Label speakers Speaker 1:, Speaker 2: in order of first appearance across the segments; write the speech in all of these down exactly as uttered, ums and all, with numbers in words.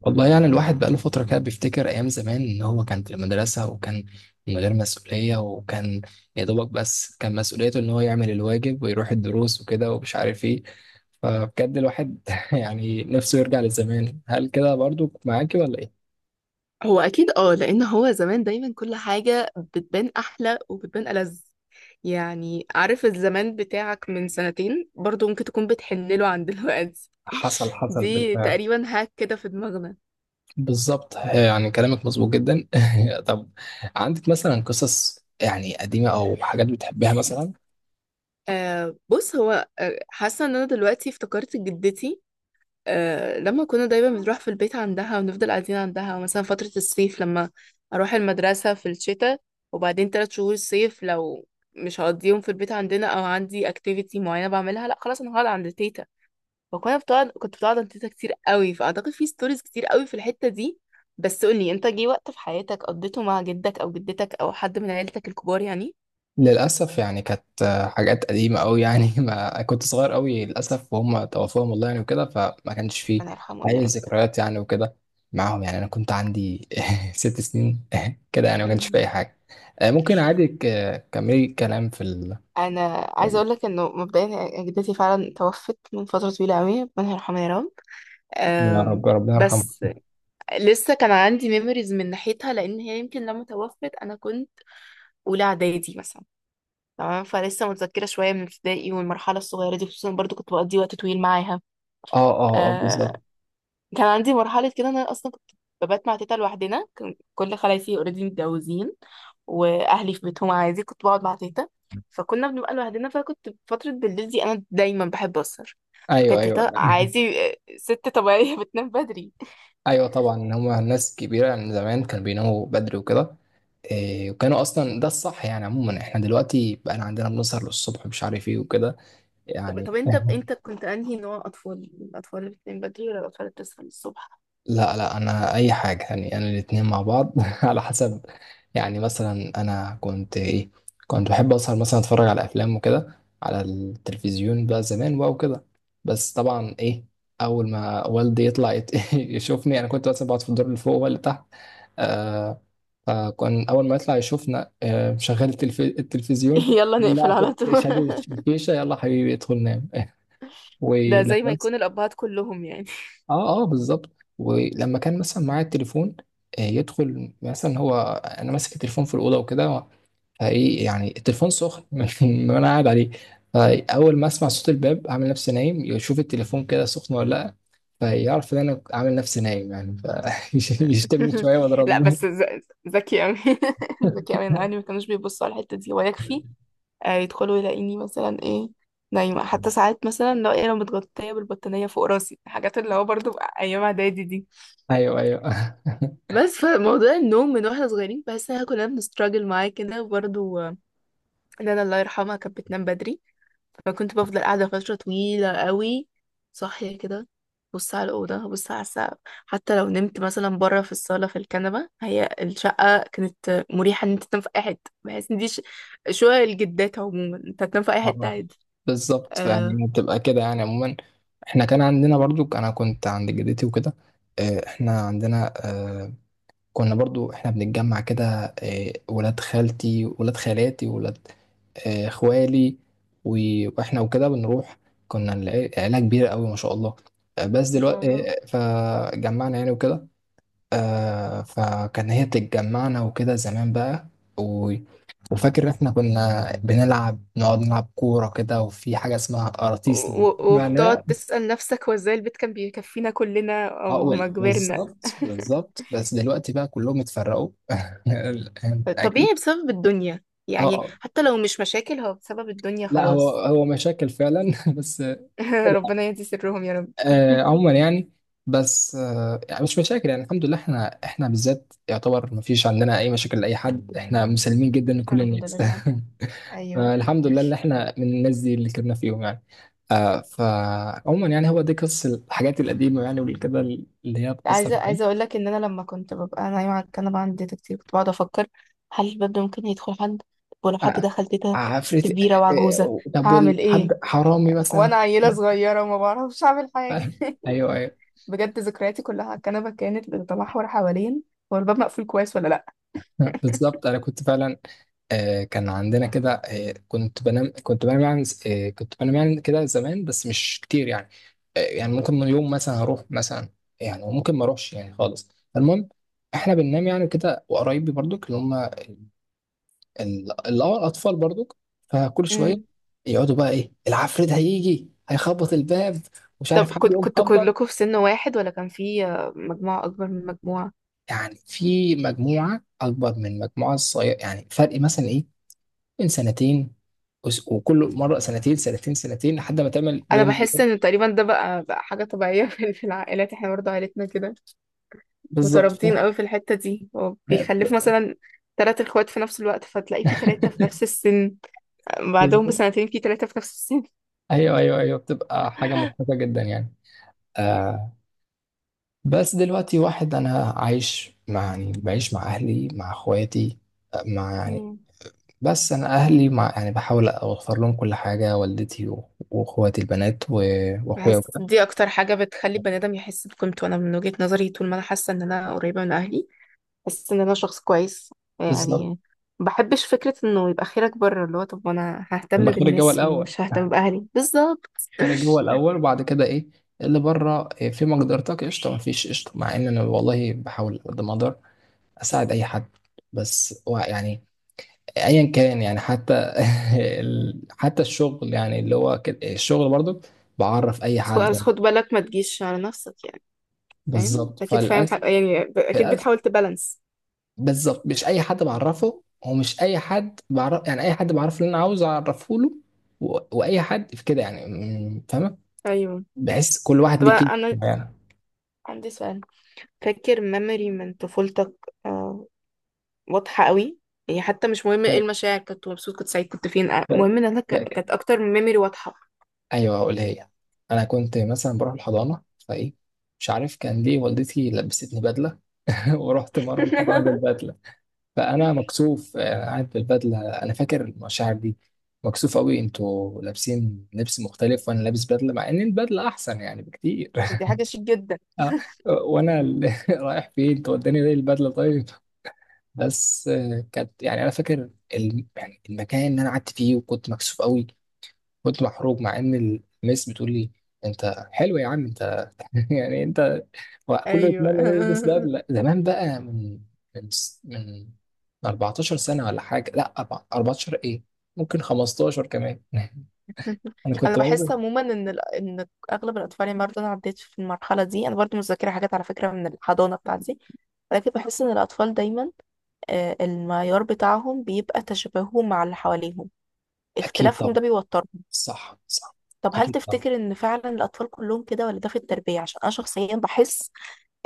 Speaker 1: والله يعني الواحد بقاله فترة كده بيفتكر أيام زمان إن هو كان في المدرسة وكان من غير مسؤولية، وكان يا دوبك بس كان مسؤوليته إن هو يعمل الواجب ويروح الدروس وكده ومش عارف إيه. فبجد الواحد يعني نفسه يرجع للزمان. هل كده برضو معاكي ولا إيه؟
Speaker 2: هو اكيد، اه لان هو زمان دايما كل حاجه بتبان احلى وبتبان ألذ. يعني عارف، الزمان بتاعك من سنتين برضو ممكن تكون بتحنله عن دلوقتي.
Speaker 1: حصل حصل
Speaker 2: دي
Speaker 1: بالفعل.
Speaker 2: تقريبا هاك كده في دماغنا.
Speaker 1: بالظبط، يعني كلامك مظبوط جدا. طب، عندك مثلا قصص يعني قديمة أو حاجات بتحبها مثلا؟
Speaker 2: آه، بص، هو آه، حاسه ان انا دلوقتي افتكرت جدتي. آه، لما كنا دايما بنروح في البيت عندها ونفضل قاعدين عندها مثلا فترة الصيف، لما أروح المدرسة في الشتاء وبعدين تلات شهور صيف. لو مش هقضيهم في البيت عندنا أو عندي activity معينة بعملها، لأ خلاص أنا هقعد عند تيتا. فكنا بتقعد كنت بتقعد عند تيتا كتير قوي، فأعتقد في ستوريز كتير قوي في الحتة دي. بس قولي، أنت جه وقت في حياتك قضيته مع جدك أو جدتك أو حد من عيلتك الكبار يعني؟
Speaker 1: للأسف يعني كانت آه، حاجات قديمة أوي، يعني ما كنت صغير أوي للأسف، وهم توفوهم الله يعني وكده، فما كانش فيه
Speaker 2: ربنا يرحمهم يا
Speaker 1: أي
Speaker 2: رب.
Speaker 1: ذكريات يعني وكده معاهم. يعني أنا كنت عندي ست سنين كده، يعني ما كانش فيه
Speaker 2: مم.
Speaker 1: أي حاجة. آه، ممكن عادي، ك- كملي كلام في ال...
Speaker 2: انا عايزه اقول لك انه مبدئيا جدتي فعلا توفت من فتره طويله قوي، ربنا يرحمها يا رب.
Speaker 1: يا رب،
Speaker 2: أم،
Speaker 1: ربنا يرحمه.
Speaker 2: بس لسه كان عندي ميموريز من ناحيتها، لان هي يمكن لما توفت انا كنت اولى اعدادي مثلا. تمام، فلسه متذكره شويه من ابتدائي والمرحله الصغيره دي، خصوصا برضو كنت بقضي وقت طويل معاها.
Speaker 1: اه اه اه،
Speaker 2: آه،
Speaker 1: بالظبط.
Speaker 2: كان عندي مرحلة كده إن أنا أصلا كنت ببات مع تيتا لوحدنا. كان كل خلايفي اوريدي متجوزين، وأهلي في بيتهم عادي كنت بقعد مع تيتا. فكنا بنبقى لوحدنا، فكنت فترة بالليل دي أنا دايما بحب أسهر.
Speaker 1: ايوه
Speaker 2: فكانت
Speaker 1: ايوه
Speaker 2: تيتا عادي آه، ست طبيعية بتنام بدري.
Speaker 1: ايوه، طبعا هما ناس كبيره من زمان كانوا بيناموا بدري وكده. إيه، وكانوا اصلا ده الصح يعني. عموما احنا دلوقتي بقى عندنا بنسهر للصبح مش عارف ايه وكده
Speaker 2: طب
Speaker 1: يعني.
Speaker 2: طب أنت أنت كنت أنهي نوع أطفال، الأطفال اللي بتنام بدري ولا الأطفال اللي بتصحى الصبح؟
Speaker 1: لا لا، انا اي حاجه، يعني انا الاتنين مع بعض على حسب. يعني مثلا انا كنت ايه، كنت بحب اسهر مثلا، اتفرج على افلام وكده على التلفزيون بقى زمان بقى وكده. بس طبعا ايه، اول ما والدي يطلع يت- يشوفني، انا كنت مثلا بقعد في الدور اللي فوق ولا تحت. آه فكان اول ما يطلع يشوفنا آه شغال التلف... التلفزيون.
Speaker 2: يلا نقفل
Speaker 1: لا،
Speaker 2: على طول.
Speaker 1: شادد الفيشه. يلا حبيبي، ادخل نام.
Speaker 2: ده زي ما
Speaker 1: ولما
Speaker 2: يكون الأبهات كلهم يعني.
Speaker 1: اه اه، بالظبط. ولما كان مثلا معايا التليفون، آه، يدخل مثلا هو، انا ماسك التليفون في الاوضه وكده، فايه يعني التليفون سخن من وانا قاعد عليه. فاول ما اسمع صوت الباب اعمل نفسي نايم، يشوف التليفون كده سخن ولا لا، فيعرف ان انا عامل نفسي نايم يعني، فيشتمني شويه
Speaker 2: لا،
Speaker 1: واضربني.
Speaker 2: بس ذ- ذكي قوي. ذكي قوي، انا اهلي ما كانوش بيبصوا على الحته دي ويكفي. آه، يدخلوا يلاقيني مثلا ايه، نايمه. حتى ساعات مثلا لو ايه، لو متغطيه بالبطانيه فوق راسي، الحاجات اللي هو برضو ايام اعدادي دي.
Speaker 1: ايوه ايوه
Speaker 2: بس فموضوع النوم، من واحنا صغيرين بحس ان احنا كلنا بنستراجل معاه كده، وبرضو آه، ان انا الله يرحمها كانت بتنام بدري. فكنت بفضل قاعدة فترة طويلة قوي، صاحية كده، بص على الأوضة بص على السقف. حتى لو نمت مثلا بره في الصالة في الكنبة، هي الشقة كانت مريحة إن أنت تنام في أي حتة. بحس إن دي ش- شقق الجدات. عموما أنت هتنام في أي حتة
Speaker 1: اه
Speaker 2: عادي.
Speaker 1: بالظبط.
Speaker 2: آه،
Speaker 1: فيعني بتبقى كده يعني عموما. احنا كان عندنا برضو، انا كنت عند جدتي وكده. آه، احنا عندنا، آه، كنا برضو احنا بنتجمع كده، آه، ولاد خالتي، ولاد خالاتي، ولاد آه، اخوالي، و- واحنا وكده بنروح. كنا الع- عيلة كبيرة قوي ما شاء الله. آه، بس
Speaker 2: ما شاء
Speaker 1: دلوقتي
Speaker 2: الله.
Speaker 1: آه، آه، فجمعنا يعني وكده. آه، فكان هي بتتجمعنا وكده زمان بقى. و- وفاكر احنا كنا بنلعب، نقعد نلعب كورة كده، وفي حاجة اسمها
Speaker 2: و-
Speaker 1: قراطيس لما
Speaker 2: و- وبتقعد
Speaker 1: معناها.
Speaker 2: تسأل نفسك، هو ازاي البيت كان بيكفينا كلنا
Speaker 1: اه
Speaker 2: أو
Speaker 1: وال-
Speaker 2: ما كبرنا؟
Speaker 1: بالظبط بالظبط. بس دلوقتي بقى كلهم اتفرقوا أنت اكيد.
Speaker 2: طبيعي بسبب الدنيا
Speaker 1: اه
Speaker 2: يعني،
Speaker 1: آه.
Speaker 2: حتى لو مش مشاكل هو بسبب الدنيا
Speaker 1: لا، هو
Speaker 2: خلاص.
Speaker 1: هو مشاكل فعلا بس.
Speaker 2: ربنا يهدي سرهم يا رب.
Speaker 1: آه عموما يعني، بس آه يعني مش مشاكل. يعني الحمد لله احنا، احنا بالذات يعتبر ما فيش عندنا اي مشاكل لاي حد، احنا مسلمين جدا لكل
Speaker 2: الحمد
Speaker 1: الناس.
Speaker 2: لله. ايوه.
Speaker 1: فالحمد لله اللي احنا من الناس دي اللي كنا فيهم يعني. آه فعموما يعني هو دي قصة الحاجات القديمة يعني، والكده اللي هي بتأثر
Speaker 2: عايزه عايزه
Speaker 1: معاك.
Speaker 2: اقول لك ان انا لما كنت ببقى نايمه على الكنبه عندي تيتا كتير، كنت بقعد افكر، هل الباب ده ممكن يدخل حد؟ طب ولو حد
Speaker 1: آه
Speaker 2: دخل
Speaker 1: آه،
Speaker 2: تيتا ست
Speaker 1: عفريت.
Speaker 2: كبيره وعجوزه،
Speaker 1: آه طب،
Speaker 2: هعمل
Speaker 1: والحد
Speaker 2: ايه؟
Speaker 1: حرامي مثلا؟
Speaker 2: وانا عيله صغيره وما بعرفش اعمل حاجه.
Speaker 1: آه ايوه ايوه
Speaker 2: بجد ذكرياتي كلها على الكنبه كانت بتتمحور حوالين هو الباب مقفول كويس ولا لا.
Speaker 1: بالظبط، انا كنت فعلا. آه، كان عندنا كده، آه، كنت بنام كنت بنام يعني، آه، كنت بنام يعني كده زمان، بس مش كتير يعني. آه، يعني ممكن من يوم مثلا هروح مثلا، يعني وممكن ما اروحش يعني خالص. المهم احنا بننام يعني كده، وقرايبي برضك اللي هم ال- ال- اللي هو الاطفال برضك. فكل شويه
Speaker 2: امم
Speaker 1: يقعدوا بقى ايه، العفريت هيجي هيخبط الباب، ومش عارف
Speaker 2: طب
Speaker 1: حد
Speaker 2: كنت
Speaker 1: يقوم
Speaker 2: كنتوا
Speaker 1: خبط.
Speaker 2: كلكم في سن واحد، ولا كان في آه، مجموعه اكبر من مجموعه؟
Speaker 1: يعني في مجموعه اكبر من مجموعه صغيره، يعني فرق مثلا إيه، من سنتين، وس- وكل مره سنتين سنتين سنتين لحد ما تعمل
Speaker 2: انا
Speaker 1: رينج
Speaker 2: بحس
Speaker 1: كده.
Speaker 2: ان تقريبا ده بقى بقى حاجه طبيعيه في في العائلات. احنا برضه عائلتنا كده،
Speaker 1: بالظبط،
Speaker 2: مترابطين
Speaker 1: فاهم.
Speaker 2: قوي في الحتة دي. هو
Speaker 1: لا،
Speaker 2: بيخلف مثلا تلات اخوات في نفس الوقت، فتلاقي في تلاتة في نفس السن، بعدهم
Speaker 1: بالظبط.
Speaker 2: بسنتين في تلاتة في نفس السن.
Speaker 1: ايوه ايوه ايوه، بتبقى حاجه مضحكه جدا يعني. آه بس دلوقتي واحد انا عايش مع يعني بعيش مع اهلي، مع اخواتي، آه، مع يعني.
Speaker 2: مم.
Speaker 1: بس انا اهلي، مع يعني بحاول اوفر لهم كل حاجه، والدتي و- واخواتي البنات و- واخويا
Speaker 2: بحس
Speaker 1: وكده.
Speaker 2: دي اكتر حاجة بتخلي البني ادم يحس بقيمته. انا من وجهة نظري، طول ما انا حاسة ان انا قريبة من اهلي، بحس ان انا شخص كويس
Speaker 1: بالظبط،
Speaker 2: يعني. ما بحبش فكرة انه يبقى خيرك بره، اللي هو طب انا ههتم
Speaker 1: الخير الجو
Speaker 2: بالناس
Speaker 1: الاول،
Speaker 2: ومش ههتم باهلي، بالظبط.
Speaker 1: خارج هو الاول، وبعد كده ايه اللي بره إيه، في مقدرتك قشطه، ما فيش قشطه، مع ان انا والله بحاول قد ما اقدر اساعد اي حد. بس هو يعني ايا كان يعني، حتى ال- حتى الشغل يعني، اللي هو كده الشغل برضو بعرف اي
Speaker 2: بس خد
Speaker 1: حد
Speaker 2: بس
Speaker 1: يعني.
Speaker 2: خد بالك ما تجيش على نفسك يعني. فاهم،
Speaker 1: بالظبط،
Speaker 2: اكيد فاهم
Speaker 1: فللاسف.
Speaker 2: حاجة يعني، اكيد
Speaker 1: للاسف،
Speaker 2: بتحاول تبالانس.
Speaker 1: بالظبط، مش اي حد بعرفه، ومش اي حد بعرف يعني، اي حد بعرف اللي انا عاوز اعرفه له، و... واي حد في كده يعني، م- فاهمه.
Speaker 2: ايوه.
Speaker 1: بحس كل واحد
Speaker 2: طب
Speaker 1: ليه
Speaker 2: انا،
Speaker 1: كده
Speaker 2: أنا
Speaker 1: يعني.
Speaker 2: عندي سؤال. فاكر ميموري من طفولتك، آه، واضحة قوي؟ يعني حتى مش مهم
Speaker 1: ف...
Speaker 2: ايه المشاعر، كنت مبسوط كنت سعيد كنت فين، آه، المهم ان انا ك- كانت
Speaker 1: ف...
Speaker 2: اكتر من ميموري واضحة.
Speaker 1: ايوه، هقولها هي. انا كنت مثلا بروح الحضانه فايه، مش عارف كان ليه والدتي لبستني بدله ورحت مره الحضانه بالبدله. فانا مكسوف، آه، قاعد بالبدله، انا فاكر المشاعر دي، مكسوف قوي، انتوا لابسين لبس مختلف وانا لابس بدله، مع ان البدله احسن يعني بكتير.
Speaker 2: دي حاجة شيك جدا.
Speaker 1: آه، وانا ال- رايح فين، توداني ليه البدله طيب. بس آه، كانت يعني، انا فاكر الم- يعني المكان اللي انا قعدت فيه، وكنت مكسوف قوي، كنت محروق، مع ان المس بتقول لي انت حلو يا عم. يعني انت، هو كله
Speaker 2: ايوه.
Speaker 1: يتمنى انه يلبس بدله زمان بقى، من من س- من اربعتاشر سنة سنه ولا حاجه، لا أربع- أربعة عشر ايه، ممكن خمسة عشر كمان. انا
Speaker 2: انا
Speaker 1: كنت
Speaker 2: بحس
Speaker 1: بنزل.
Speaker 2: عموما ان ال- ان اغلب الاطفال يعني، برضه انا عديت في المرحلة دي انا برضه متذكرة حاجات على فكرة من الحضانة بتاعتي. لكن بحس ان الاطفال دايما آه، المعيار بتاعهم بيبقى تشابههم مع اللي حواليهم،
Speaker 1: اكيد
Speaker 2: اختلافهم
Speaker 1: طبعا.
Speaker 2: ده بيوترهم.
Speaker 1: صح صح،
Speaker 2: طب هل
Speaker 1: اكيد طبعا.
Speaker 2: تفتكر ان فعلا الاطفال كلهم كده، ولا ده في التربيه؟ عشان انا شخصيا بحس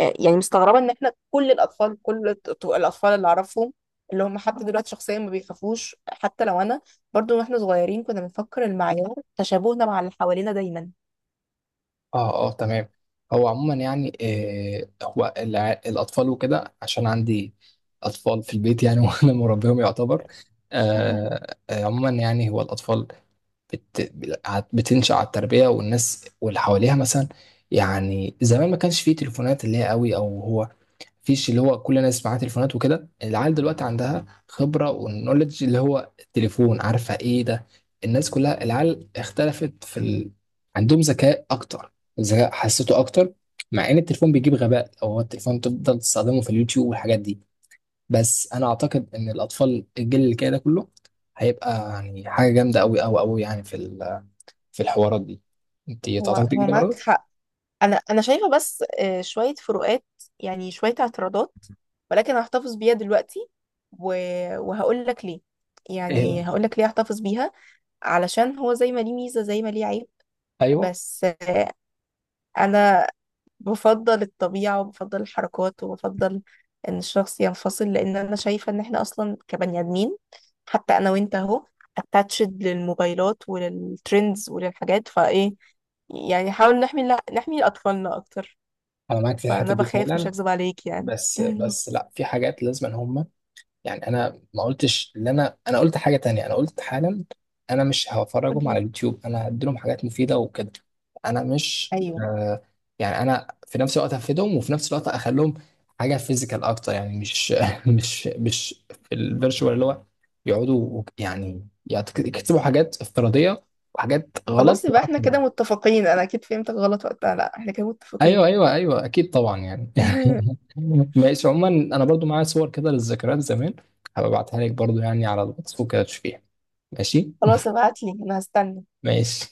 Speaker 2: آه، يعني مستغربه ان احنا كل الاطفال كل الط- الاطفال اللي اعرفهم، اللي هم حتى دلوقتي شخصيا ما بيخافوش. حتى لو انا برضو واحنا صغيرين كنا بنفكر المعيار تشابهنا مع اللي حوالينا دايما.
Speaker 1: اه اه، تمام. هو عموما يعني، آه هو الع- الاطفال وكده، عشان عندي اطفال في البيت يعني وانا مربيهم يعتبر. آه آه، عموما يعني هو الاطفال بت... بتنشأ على التربية والناس واللي حواليها مثلا. يعني زمان ما كانش فيه تليفونات اللي هي قوي، او هو فيش اللي هو كل الناس معاها تليفونات وكده. العيال دلوقتي عندها خبرة، والنولج اللي هو التليفون، عارفة ايه ده. الناس كلها، العيال اختلفت في ال... عندهم ذكاء اكتر، ذكاء حسيته اكتر، مع ان التليفون بيجيب غباء، او هو التليفون تفضل تستخدمه في اليوتيوب والحاجات دي. بس انا اعتقد ان الاطفال، الجيل اللي كده ده كله، هيبقى يعني حاجة جامدة قوي قوي قوي يعني في ال... في الحوارات دي. انت
Speaker 2: هو
Speaker 1: تعتقدي
Speaker 2: هو
Speaker 1: كده
Speaker 2: معاك
Speaker 1: برضه؟
Speaker 2: حق. انا انا شايفه، بس آه، شويه فروقات يعني، شويه اعتراضات، ولكن هحتفظ بيها دلوقتي. و... وهقول لك ليه،
Speaker 1: ايه
Speaker 2: يعني هقول لك ليه احتفظ بيها، علشان هو زي ما ليه ميزه زي ما ليه عيب.
Speaker 1: ايوه،
Speaker 2: بس آه، انا بفضل الطبيعة وبفضل الحركات وبفضل ان الشخص ينفصل، لان انا شايفة ان احنا اصلا كبني ادمين، حتى انا وانت اهو اتاتشد للموبايلات وللترندز وللحاجات، فايه يعني، حاول نحمي لا نحمي اطفالنا اكتر.
Speaker 1: انا معاك في
Speaker 2: فانا
Speaker 1: الحته دي
Speaker 2: بخاف مش
Speaker 1: فعلا.
Speaker 2: هكذب عليك يعني.
Speaker 1: بس بس لا، في حاجات لازم ان هم يعني. انا ما قلتش ان انا انا قلت حاجه تانية، انا قلت حالا انا مش هفرجهم على
Speaker 2: قولي.
Speaker 1: اليوتيوب، انا هديلهم حاجات مفيده وكده. انا مش
Speaker 2: ايوه.
Speaker 1: آه يعني، انا في نفس الوقت هفيدهم، وفي نفس الوقت اخليهم حاجه فيزيكال اكتر يعني، مش مش مش في الفيرتشوال اللي هو يقعدوا وك- يعني يكتبوا حاجات افتراضيه وحاجات غلط.
Speaker 2: خلاص يبقى احنا كده متفقين، انا اكيد فهمتك غلط وقتها، لا احنا كده متفقين.
Speaker 1: ايوه ايوه ايوه، اكيد طبعا يعني. ماشي. عموما انا برضو معايا صور كده للذكريات زمان، هبقى ابعتها لك برضو يعني على الواتس وكده تشوفيها. ماشي.
Speaker 2: خلاص ابعتلي انا هستنى.
Speaker 1: ماشي.